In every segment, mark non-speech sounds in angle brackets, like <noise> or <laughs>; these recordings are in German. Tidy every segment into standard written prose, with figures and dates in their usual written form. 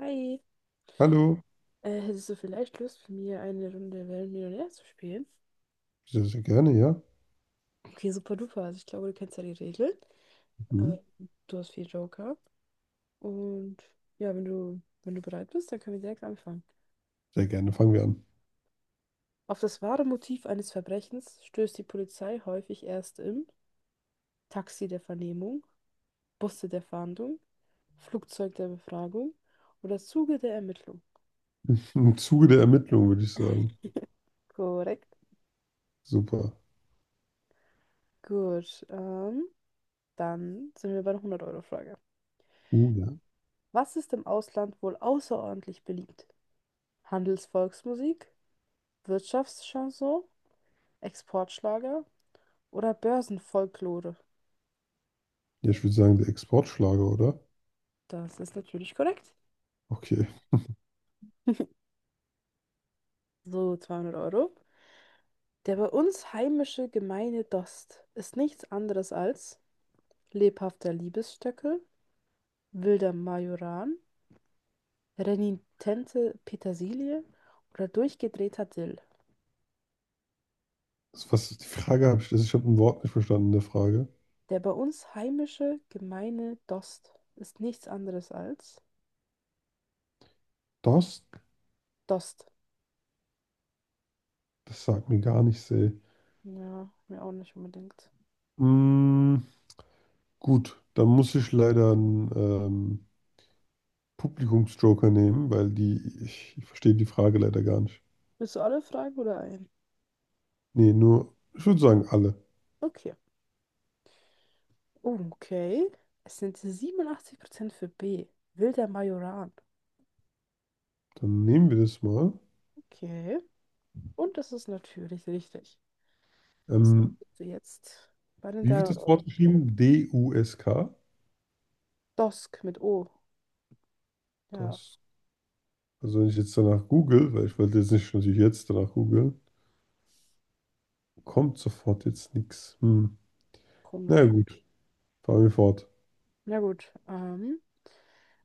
Hi, Hallo, hättest du vielleicht Lust, mit mir eine Runde Wer wird Millionär zu spielen? sehr, sehr gerne, ja. Okay, super duper. Also ich glaube, du kennst ja die Regeln. Äh, Mhm. Du hast vier Joker. Und ja, wenn du, wenn du bereit bist, dann können wir direkt anfangen. Sehr gerne, fangen wir an. Auf das wahre Motiv eines Verbrechens stößt die Polizei häufig erst im Taxi der Vernehmung, Busse der Fahndung, Flugzeug der Befragung oder Zuge der Ermittlung. <laughs> Im Zuge der Ermittlungen würde ich sagen. Korrekt. Super. Gut, dann sind wir bei der 100-Euro-Frage. Ja. Was ist im Ausland wohl außerordentlich beliebt? Handelsvolksmusik, Wirtschaftschanson, Exportschlager oder Börsenfolklore? Ja, ich würde sagen, der Exportschlager, oder? Das ist natürlich korrekt. Okay. So, 200 Euro. Der bei uns heimische gemeine Dost ist nichts anderes als lebhafter Liebesstöckel, wilder Majoran, renitente Petersilie oder durchgedrehter Dill. Was ist die Frage habe ich, ich habe ein Wort nicht verstanden in der Frage. Der bei uns heimische gemeine Dost ist nichts anderes als Das, Dost. das sagt mir gar nichts, ey. Ja, mir auch nicht unbedingt. Mm, gut, dann muss ich leider einen Publikumsjoker nehmen, ich verstehe die Frage leider gar nicht. Willst du alle Fragen oder ein? Nee, nur, ich würde sagen, alle. Okay. Oh, okay. Es sind 87% für B. Wilder Majoran. Dann nehmen wir das mal. Okay. Und das ist natürlich richtig. So, Ähm, bist du jetzt bei den Wie wird 300 das Euro. Wort geschrieben? D-U-S-K. Dosk mit O. Ja, Das, also wenn ich jetzt danach google, weil ich wollte jetzt nicht natürlich jetzt danach googeln, kommt sofort jetzt nichts. Hm. Na ja, komisch. gut, fahren wir fort. Na gut.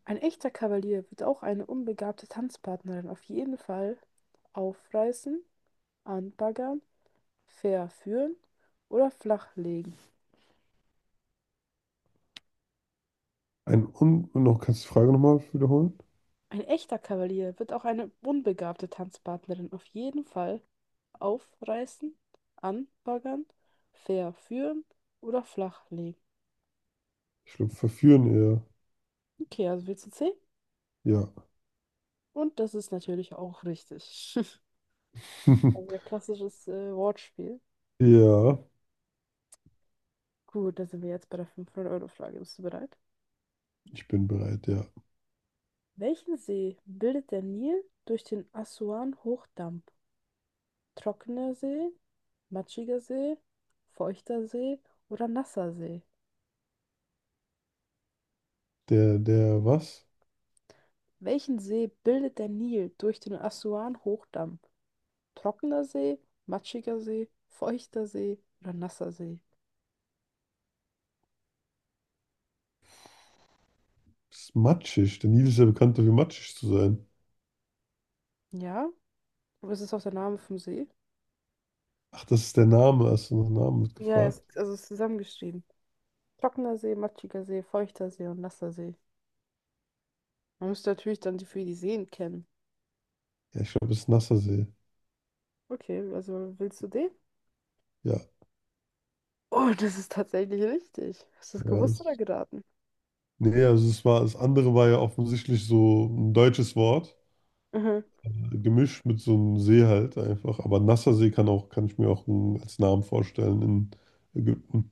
Ein echter Kavalier wird auch eine unbegabte Tanzpartnerin auf jeden Fall aufreißen, anbaggern, verführen oder flachlegen. Ein Un und noch, Kannst du die Frage nochmal wiederholen? Ein echter Kavalier wird auch eine unbegabte Tanzpartnerin auf jeden Fall aufreißen, anbaggern, verführen oder flachlegen. Ich glaube, verführen eher. Okay, also wir zu C. Ja. Und das ist natürlich auch richtig. <laughs> Also ein <laughs> klassisches Wortspiel. Ja, Gut, da sind wir jetzt bei der fünfhundert euro frage. Bist du bereit? ich bin bereit, ja. Welchen See bildet der Nil durch den Assuan-Hochdamm? Trockener See, matschiger See, feuchter See oder nasser See? Was? Welchen See bildet der Nil durch den Assuan-Hochdamm? Trockener See, matschiger See, feuchter See oder nasser See? Ist matschig. Der Nil ist ja bekannt dafür, matschig zu sein. Ja, aber es ist auch der Name vom See. Ach, das ist der Name. Hast du nach Namen wird Ja, es, gefragt? also es ist zusammengeschrieben. Trockener See, matschiger See, feuchter See und nasser See. Man müsste natürlich dann die für die Seen kennen. Ja, ich glaube, das ist Nassersee. Okay, also willst du den? Ja, Oh, das ist tatsächlich richtig. Hast du das ja, gewusst oder das geraten? Nee, also es war, das andere war ja offensichtlich so ein deutsches Wort, Mhm. Gemischt mit so einem See halt einfach. Aber Nassersee kann ich mir auch als Namen vorstellen in Ägypten.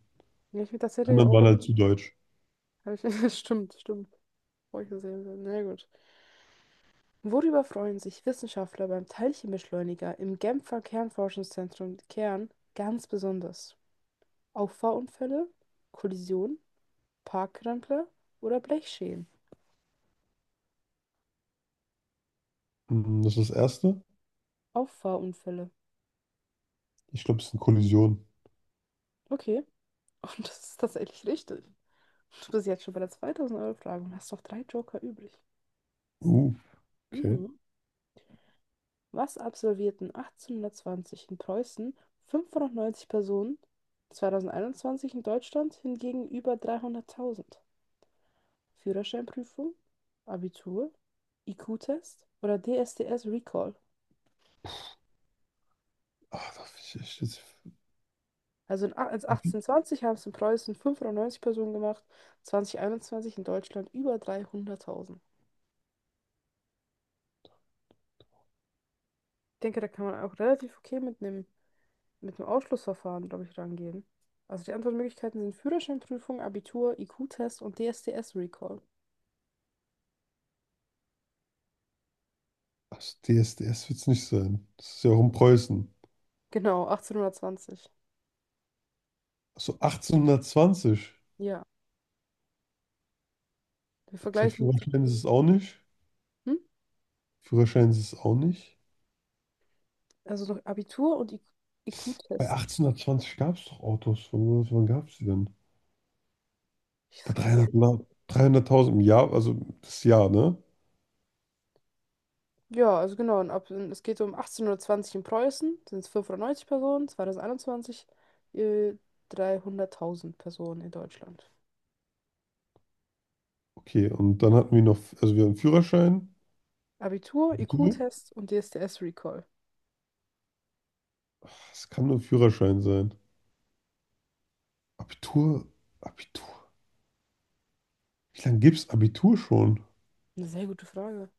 Ja, ich bin tatsächlich Anderen auch. waren halt zu deutsch. Hab ich, <laughs> stimmt, stimmt. Feuchter See. Na gut. Worüber freuen sich Wissenschaftler beim Teilchenbeschleuniger im Genfer Kernforschungszentrum Kern ganz besonders? Auffahrunfälle, Kollisionen, Parkrempler oder Blechschäden? Mhm. Das ist das erste. Auffahrunfälle. Ich glaube, es ist eine Kollision. Okay, <laughs> und das ist tatsächlich richtig. Du bist jetzt schon bei der 2000-Euro-Frage und hast noch drei Joker übrig. Uh, okay. Mhm. Was absolvierten 1820 in Preußen 590 Personen, 2021 in Deutschland hingegen über 300.000? Führerscheinprüfung, Abitur, IQ-Test oder DSDS Recall. Da ich echt jetzt. Also als 1820 haben es in Preußen 590 Personen gemacht, 2021 in Deutschland über 300.000. Ich denke, da kann man auch relativ okay mit einem Ausschlussverfahren, glaube ich, rangehen. Also die Antwortmöglichkeiten sind Führerscheinprüfung, Abitur, IQ-Test und DSDS Recall. Ach, DSDS wird es nicht sein. Das ist ja auch in Preußen. Genau, 1820. Achso, 1820. Ja, wir Der vergleichen jetzt. Führerschein ist es auch nicht. Hm? Führerschein ist es auch nicht. Also noch Abitur und Bei IQ-Test. 1820 gab es doch Autos. Wann gab es die denn? Ich, Bei das kann ich ja. 300 La- 300.000 im Jahr, also das Jahr, ne? Ja, also genau. Und ab, es geht so um 1820 in Preußen, sind es 590 Personen, 2021 äh, 300.000 Personen in Deutschland. Okay, und dann hatten wir noch, also wir haben Führerschein, Abitur, Abitur. IQ-Test und DSDS-Recall. Ach, es kann nur Führerschein sein. Abitur, Abitur. Wie lange gibt's Abitur schon? Eine sehr gute Frage.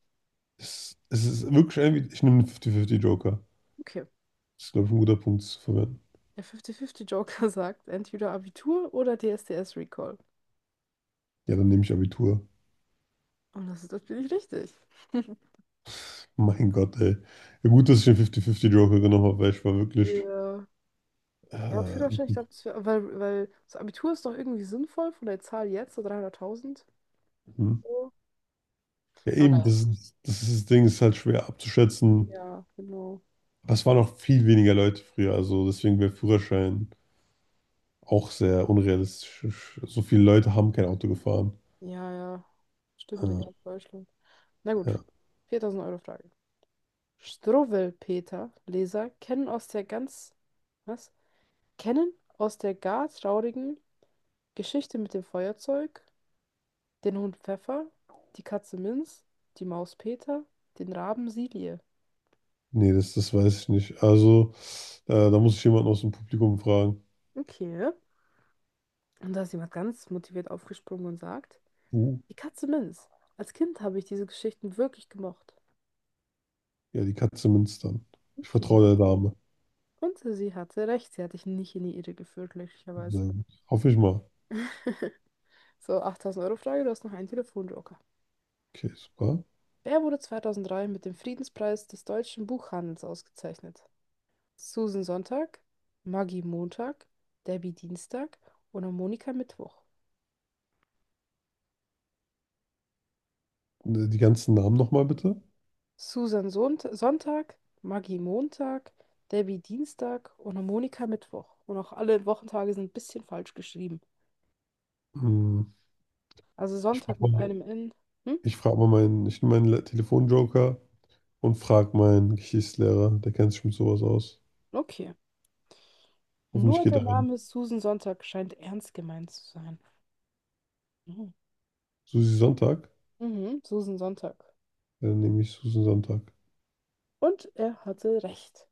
Es ist wirklich irgendwie, ich nehme einen 50-50 Joker. Okay. Das ist, glaube ich, ein guter Punkt zu verwenden. Der 50-50-Joker <laughs> sagt entweder Abitur oder DSDS-Recall. Ja, dann nehme ich Abitur. Und das ist natürlich richtig. <laughs> <laughs> Mein Gott, ey. Ja, gut, dass ich den 50-50 Joker genommen habe, weil ich war wirklich. Ja, Äh, ja, Führerschein, ich glaube, das wär- weil, weil das Abitur ist doch irgendwie sinnvoll von der Zahl jetzt, so 300.000. hm. So. Ja, Aber eben, naja, das ist das Ding, ist halt schwer abzuschätzen. ja, genau. Aber es waren auch viel weniger Leute früher, also deswegen wäre Führerschein auch sehr unrealistisch. So viele Leute haben kein Auto gefahren. Ja, ja. Stimmt, in Ja, ganz Deutschland. Na gut. ja. Viertausend Euro Frage. Struwwelpeter Leser kennen aus der ganz, was? Kennen aus der gar traurigen Geschichte mit dem Feuerzeug, den Hund Pfeffer, die Katze Minz, die Maus Peter, den Raben Silie. Nee, das weiß ich nicht. Also, da muss ich jemanden aus dem Publikum fragen. Okay. Und da ist jemand ganz motiviert aufgesprungen und sagt, Uh, die Katze Minz. Als Kind habe ich diese Geschichten wirklich gemocht. ja, die Katze Münstern. Ich Okay. vertraue der Dame. Und sie hatte recht, sie hat dich nicht in die Irre geführt, Sehr glücklicherweise. gut. Hoffe ich mal. <laughs> So, 8000-Euro-Frage, du hast noch einen Telefonjoker. Okay, super. Wer wurde 2003 mit dem Friedenspreis des deutschen Buchhandels ausgezeichnet? Susan Sonntag, Maggie Montag, Debbie Dienstag oder Monika Mittwoch? Die ganzen Namen nochmal bitte. Susan Sont Sonntag, Maggie Montag, Debbie Dienstag oder Monika Mittwoch. Und auch alle Wochentage sind ein bisschen falsch geschrieben. Hm, Also Ich frage Sonntag mit mal, einem N. Hm? ich frag mal meinen, Ich nehme meinen Telefonjoker und frage meinen Geschichtslehrer. Der kennt sich mit sowas aus. Okay. Hoffentlich Nur geht der er ein. Name Susan Sonntag scheint ernst gemeint zu sein. Mhm. Susi Sonntag. Mhm. Susan Sonntag. Dann nehme ich Susan Sonntag. Und er hatte recht.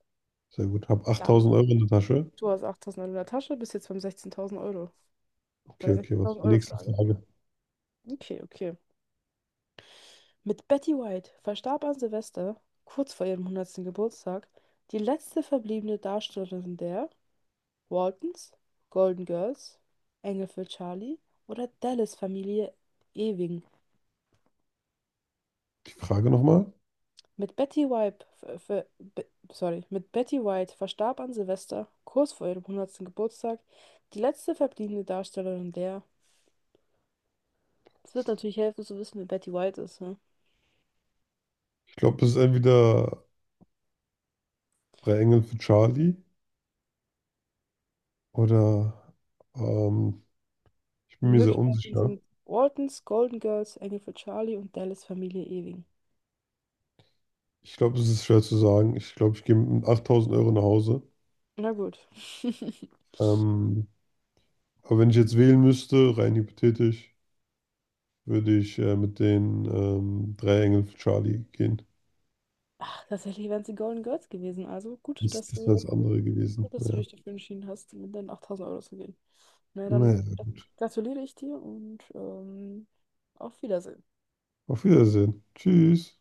Sehr gut. Hab Damit. 8000 Euro in der Tasche. Du hast 8.900 in der Tasche, bist jetzt beim 16.000 Euro. Bei Okay, der okay, was ist 16.000 die Euro nächste Frage. Frage? Okay, okay. Mit Betty White verstarb an Silvester, kurz vor ihrem hundertsten Geburtstag, die letzte verbliebene Darstellerin der Waltons, Golden Girls, Engel für Charlie oder Dallas-Familie Ewing. Die Frage nochmal. Mit Betty White, ver- ver- be, Sorry, mit Betty White verstarb an Silvester, kurz vor ihrem hundertsten Geburtstag, die letzte verbliebene Darstellerin der. Es wird natürlich helfen zu wissen, wer Betty White ist. Ne? Ich glaube, es ist entweder Drei Engel für Charlie oder ähm, ich bin Die mir sehr Möglichkeiten, Mhm, unsicher. sind Ortons, Golden Girls, Engel für Charlie und Dallas Familie Ewing. Ich glaube, es ist schwer zu sagen. Ich glaube, ich gehe mit 8000 Euro nach Hause. Na gut. <laughs> Ähm, aber wenn ich jetzt wählen müsste, rein hypothetisch, würde ich mit den Drei Engel für Charlie gehen. Ach, tatsächlich wären sie Golden Girls gewesen. Also Das, das wäre das andere gewesen. gut, dass du Naja. dich dafür entschieden hast, mit deinen 8.000 € zu gehen. Na dann Naja. gratuliere ich dir und auf Wiedersehen. Auf Wiedersehen. Tschüss.